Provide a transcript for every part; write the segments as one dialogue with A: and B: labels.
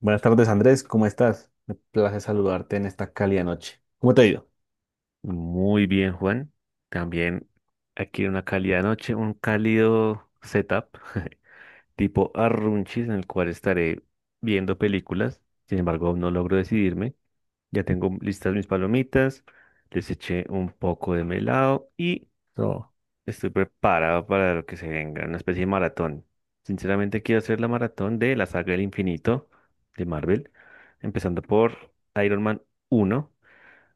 A: Buenas tardes, Andrés. ¿Cómo estás? Me place saludarte en esta cálida noche. ¿Cómo te ha ido?
B: Muy bien, Juan. También aquí una cálida noche, un cálido setup tipo Arrunchis en el cual estaré viendo películas. Sin embargo, aún no logro decidirme. Ya tengo listas mis palomitas, les eché un poco de melado y
A: No,
B: estoy preparado para lo que se venga, una especie de maratón. Sinceramente, quiero hacer la maratón de la saga del infinito de Marvel, empezando por Iron Man uno.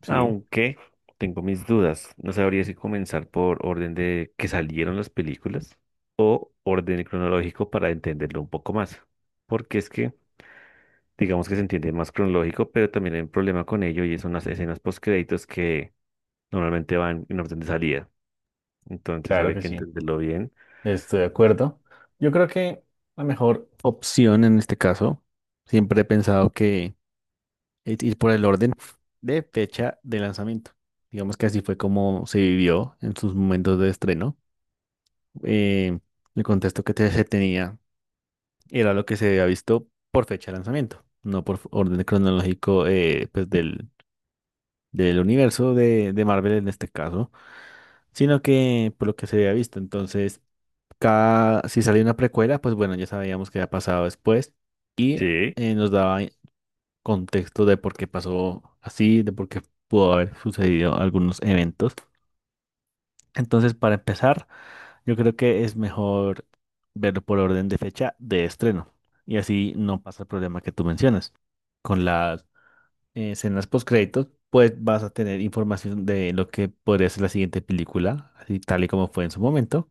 A: sí,
B: Aunque tengo mis dudas, no sabría si comenzar por orden de que salieron las películas o orden cronológico para entenderlo un poco más. Porque es que, digamos que se entiende más cronológico, pero también hay un problema con ello y son las escenas postcréditos que normalmente van en orden de salida. Entonces
A: claro
B: habría
A: que
B: que
A: sí,
B: entenderlo bien.
A: estoy de acuerdo. Yo creo que la mejor opción en este caso, siempre he pensado que es ir por el orden de fecha de lanzamiento. Digamos que así fue como se vivió en sus momentos de estreno. Eh, el contexto que se tenía era lo que se había visto por fecha de lanzamiento, no por orden cronológico pues, del universo de Marvel en este caso, sino que por lo que se había visto. Entonces, cada, si salía una precuela, pues bueno, ya sabíamos qué había pasado después.
B: Sí,
A: Nos daba contexto de por qué pasó así, de por qué pudo haber sucedido algunos eventos. Entonces, para empezar, yo creo que es mejor verlo por orden de fecha de estreno. Y así no pasa el problema que tú mencionas con las escenas postcréditos, pues vas a tener información de lo que podría ser la siguiente película, así tal y como fue en su momento.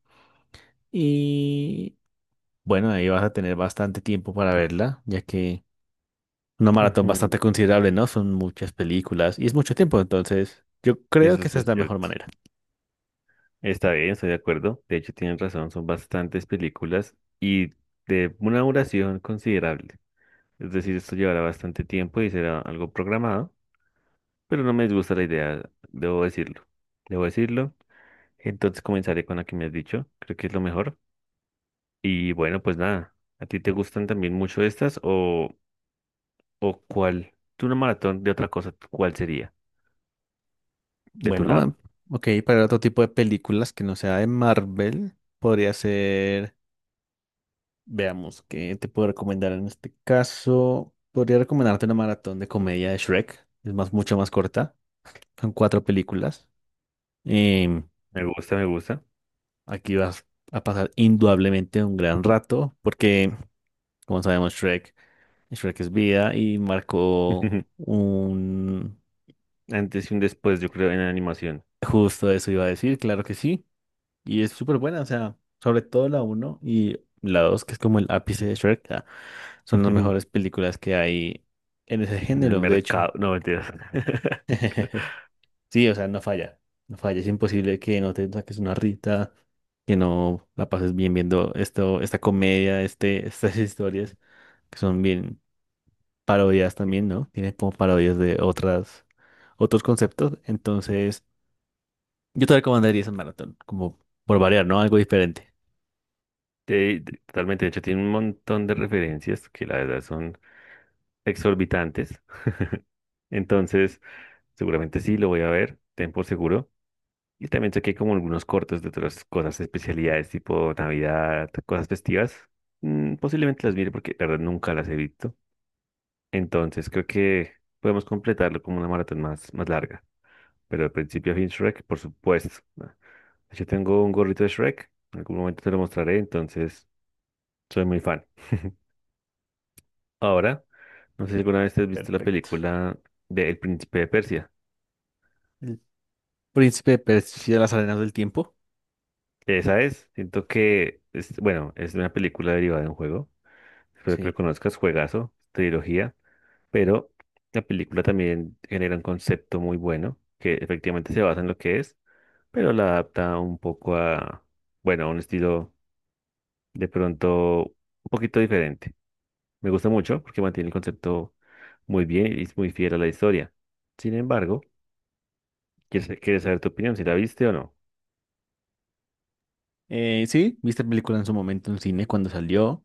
A: Y bueno, ahí vas a tener bastante tiempo para verla, ya que una maratón
B: ujú.
A: bastante considerable, ¿no? Son muchas películas y es mucho tiempo, entonces yo creo
B: Eso
A: que
B: es
A: esa
B: muy
A: es la mejor
B: cierto.
A: manera.
B: Está bien, estoy de acuerdo. De hecho, tienen razón, son bastantes películas y de una duración considerable. Es decir, esto llevará bastante tiempo y será algo programado, pero no me disgusta la idea, debo decirlo. Debo decirlo. Entonces comenzaré con la que me has dicho, creo que es lo mejor. Y bueno, pues nada, ¿a ti te gustan también mucho estas o cuál? Tú una maratón de otra cosa, ¿cuál sería de tu
A: Bueno,
B: lado?
A: ok, para otro tipo de películas que no sea de Marvel, podría ser... Veamos, ¿qué te puedo recomendar en este caso? Podría recomendarte una maratón de comedia de Shrek. Es más, mucho más corta. Son cuatro películas. Em,
B: Me gusta, me gusta.
A: Aquí vas a pasar indudablemente un gran rato porque, como sabemos, Shrek es vida y marcó un...
B: Antes y un después, yo creo, en animación.
A: Justo eso iba a decir, claro que sí. Y es súper buena, o sea, sobre todo la uno y la dos, que es como el ápice de Shrek, son las mejores películas que hay en ese
B: En el
A: género. De hecho,
B: mercado, no, mentiras.
A: sí, o sea, no falla. No falla. Es imposible que no te saques una rita, que no la pases bien viendo esto, esta comedia, estas historias, que son bien parodias también, ¿no? Tienen como parodias de otros conceptos. Entonces, yo te recomendaría esa maratón, como por variar, ¿no? Algo diferente.
B: Sí, totalmente. De hecho, tiene un montón de referencias que la verdad son exorbitantes. Entonces, seguramente sí, lo voy a ver, ten por seguro. Y también sé que hay como algunos cortos de otras cosas, especialidades tipo Navidad, cosas festivas. Posiblemente las mire porque la verdad nunca las he visto. Entonces, creo que podemos completarlo como una maratón más larga. Pero de principio a fin, Shrek, por supuesto. ¿No? Yo tengo un gorrito de Shrek, en algún momento te lo mostraré, entonces soy muy fan. Ahora, no sé si alguna vez te has visto la
A: Perfecto.
B: película de El Príncipe de Persia.
A: El príncipe persigue las arenas del tiempo.
B: Esa es, siento que, es, bueno, es una película derivada de un juego. Espero que lo
A: Sí.
B: conozcas, juegazo, trilogía. Pero la película también genera un concepto muy bueno, que efectivamente se basa en lo que es, pero la adapta un poco a, bueno, a un estilo de pronto un poquito diferente. Me gusta mucho porque mantiene el concepto muy bien y es muy fiel a la historia. Sin embargo, quieres saber tu opinión, si la viste o no.
A: Sí, vi esta película en su momento en cine cuando salió.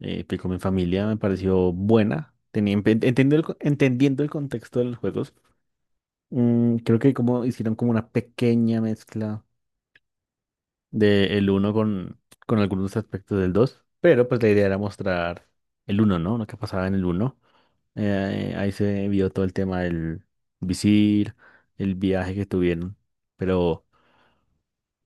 A: Pico mi familia me pareció buena, tenía, entendiendo entendiendo el contexto de los juegos. Creo que como hicieron como una pequeña mezcla del uno con, con algunos aspectos del 2, pero pues la idea era mostrar el uno, ¿no? Lo que pasaba en el uno. Ahí se vio todo el tema del visir, el viaje que tuvieron. Pero,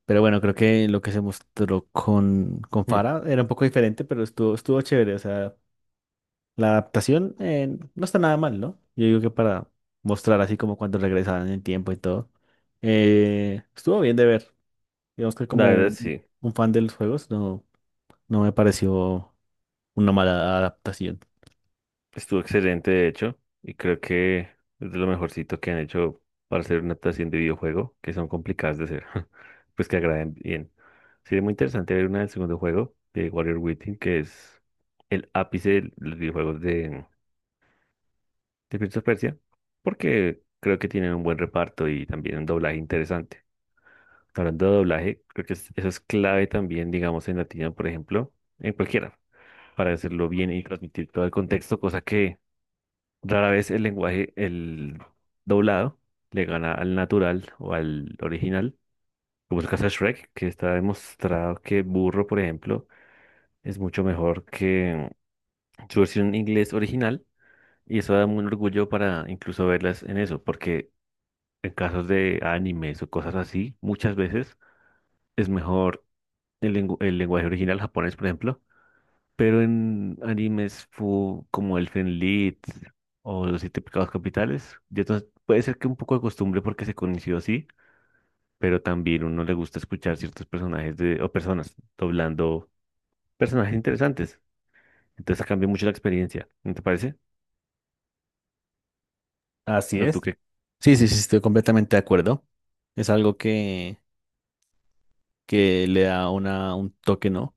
A: pero bueno, creo que lo que se mostró con
B: Hmm.
A: Farah era un poco diferente, pero estuvo chévere. O sea, la adaptación no está nada mal, ¿no? Yo digo que para mostrar así como cuando regresaban en el tiempo y todo. Estuvo bien de ver. Digamos que
B: La
A: como
B: verdad,
A: un
B: sí.
A: fan de los juegos no, no me pareció una mala adaptación.
B: Estuvo excelente, de hecho, y creo que es de lo mejorcito que han hecho para hacer una adaptación de videojuego, que son complicadas de hacer, pues que agraden bien. Sería muy interesante ver una del segundo juego de Warrior Within, que es el ápice de los videojuegos de Prince of Persia, porque creo que tienen un buen reparto y también un doblaje interesante. Hablando de doblaje, creo que eso es clave también, digamos, en latino, por ejemplo, en cualquiera, para hacerlo bien y transmitir todo el contexto, cosa que rara vez el lenguaje, el doblado, le gana al natural o al original, como es el caso de Shrek, que está demostrado que Burro, por ejemplo, es mucho mejor que su versión en inglés original, y eso da un orgullo para incluso verlas en eso, porque en casos de animes o cosas así, muchas veces es mejor el, el lenguaje original japonés, por ejemplo. Pero en animes como Elfen Lied o Los Siete Pecados Capitales, y entonces puede ser que un poco de costumbre porque se conoció así, pero también uno le gusta escuchar ciertos personajes de, o personas doblando personajes interesantes. Entonces cambia mucho la experiencia, ¿no te parece?
A: Así
B: ¿No
A: es.
B: tú qué?
A: Sí, sí, sí, estoy completamente de acuerdo. Es algo que le da una, un toque, ¿no?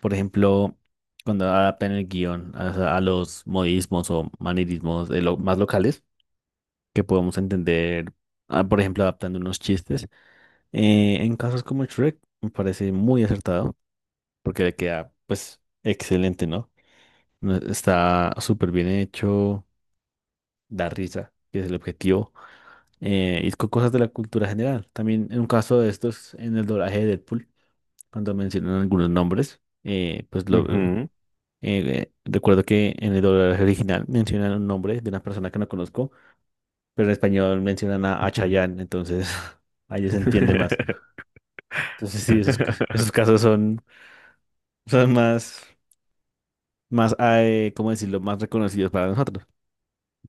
A: Por ejemplo, cuando adaptan el guión a los modismos o manierismos más locales que podamos entender, ah, por ejemplo, adaptando unos chistes. En casos como Shrek, me parece muy acertado, porque le queda, pues, excelente, ¿no? No- Está súper bien hecho, da risa, que es el objetivo, y con cosas de la cultura general. También en un caso de estos, en el doblaje de Deadpool, cuando mencionan algunos nombres, pues lo...
B: Ujú,
A: recuerdo que en el doblaje original mencionan un nombre de una persona que no conozco, pero en español mencionan a
B: ujú.
A: Chayanne, entonces ahí se entiende más. Entonces sí, esos casos son más ¿cómo decirlo?, más reconocidos para nosotros.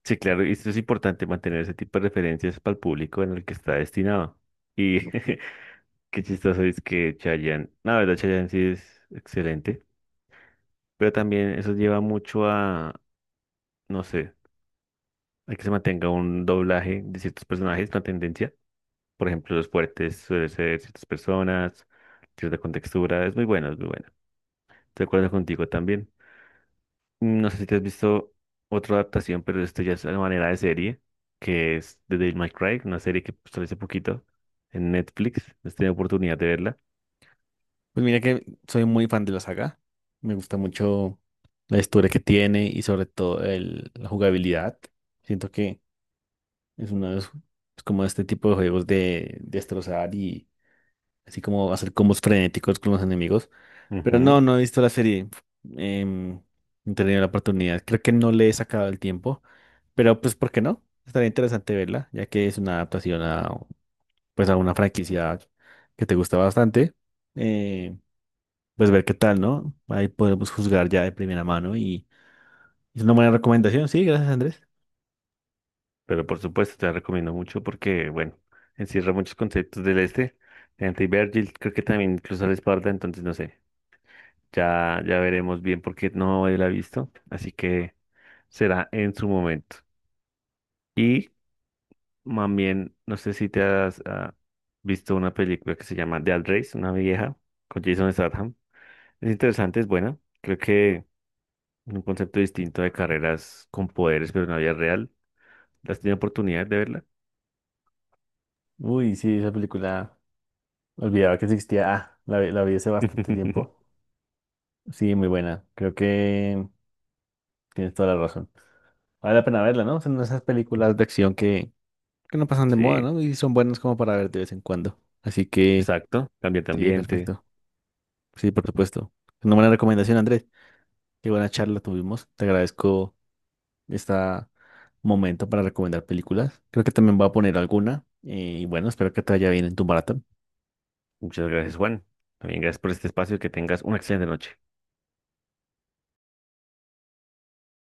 B: Sí, claro, y esto es importante mantener ese tipo de referencias para el público en el que está destinado. Y qué chistoso es que Chayanne, la verdad, Chayanne sí es excelente. Pero también eso lleva mucho a, no sé, a que se mantenga un doblaje de ciertos personajes, una tendencia. Por ejemplo, los fuertes suelen ser ciertas personas, cierta contextura, es muy bueno, es muy bueno. Estoy de acuerdo contigo también. No sé si te has visto otra adaptación, pero esto ya es una manera de serie, que es The Devil May Cry, una serie que salió hace poquito en Netflix, no he tenido oportunidad de verla.
A: Pues mira que soy muy fan de la saga, me gusta mucho la historia que tiene y sobre todo la jugabilidad. Siento que es uno de es como este tipo de juegos de destrozar y así como hacer combos frenéticos con los enemigos. Pero
B: Ujú.
A: no, no he visto la serie. Em, no he tenido la oportunidad. Creo que no le he sacado el tiempo. Pero pues, ¿por qué no? Estaría interesante verla, ya que es una adaptación pues, a una franquicia que te gusta bastante. Eh, pues ver qué tal, ¿no? Ahí podemos juzgar ya de primera mano y es una buena recomendación. Sí, gracias, Andrés.
B: Pero por supuesto te la recomiendo mucho porque, bueno, encierra muchos conceptos del este. Dante y Virgil creo que también incluso la espalda, entonces no sé. Ya, ya veremos bien porque no la he visto. Así que será en su momento. Y también, no sé si te has visto una película que se llama Dead Race, una vieja, con Jason Statham. Es interesante, es buena. Creo que un concepto distinto de carreras con poderes, pero en la vida real. ¿Has tenido oportunidad de verla?
A: Uy, sí, esa película. Olvidaba que existía. La vi hace bastante tiempo. Sí, muy buena. Creo que tienes toda la razón. Vale la pena verla, ¿no? Son esas películas de acción que no pasan de moda,
B: Sí.
A: ¿no? Y son buenas como para ver de vez en cuando. Así que,
B: Exacto, cambio de
A: sí,
B: ambiente.
A: perfecto. Sí, por supuesto. Una buena recomendación, Andrés. Qué buena charla tuvimos. Te agradezco este momento para recomendar películas. Creo que también voy a poner alguna. Y bueno, espero que te vaya bien en tu maratón.
B: Muchas gracias, Juan. También gracias por este espacio y que tengas una excelente noche.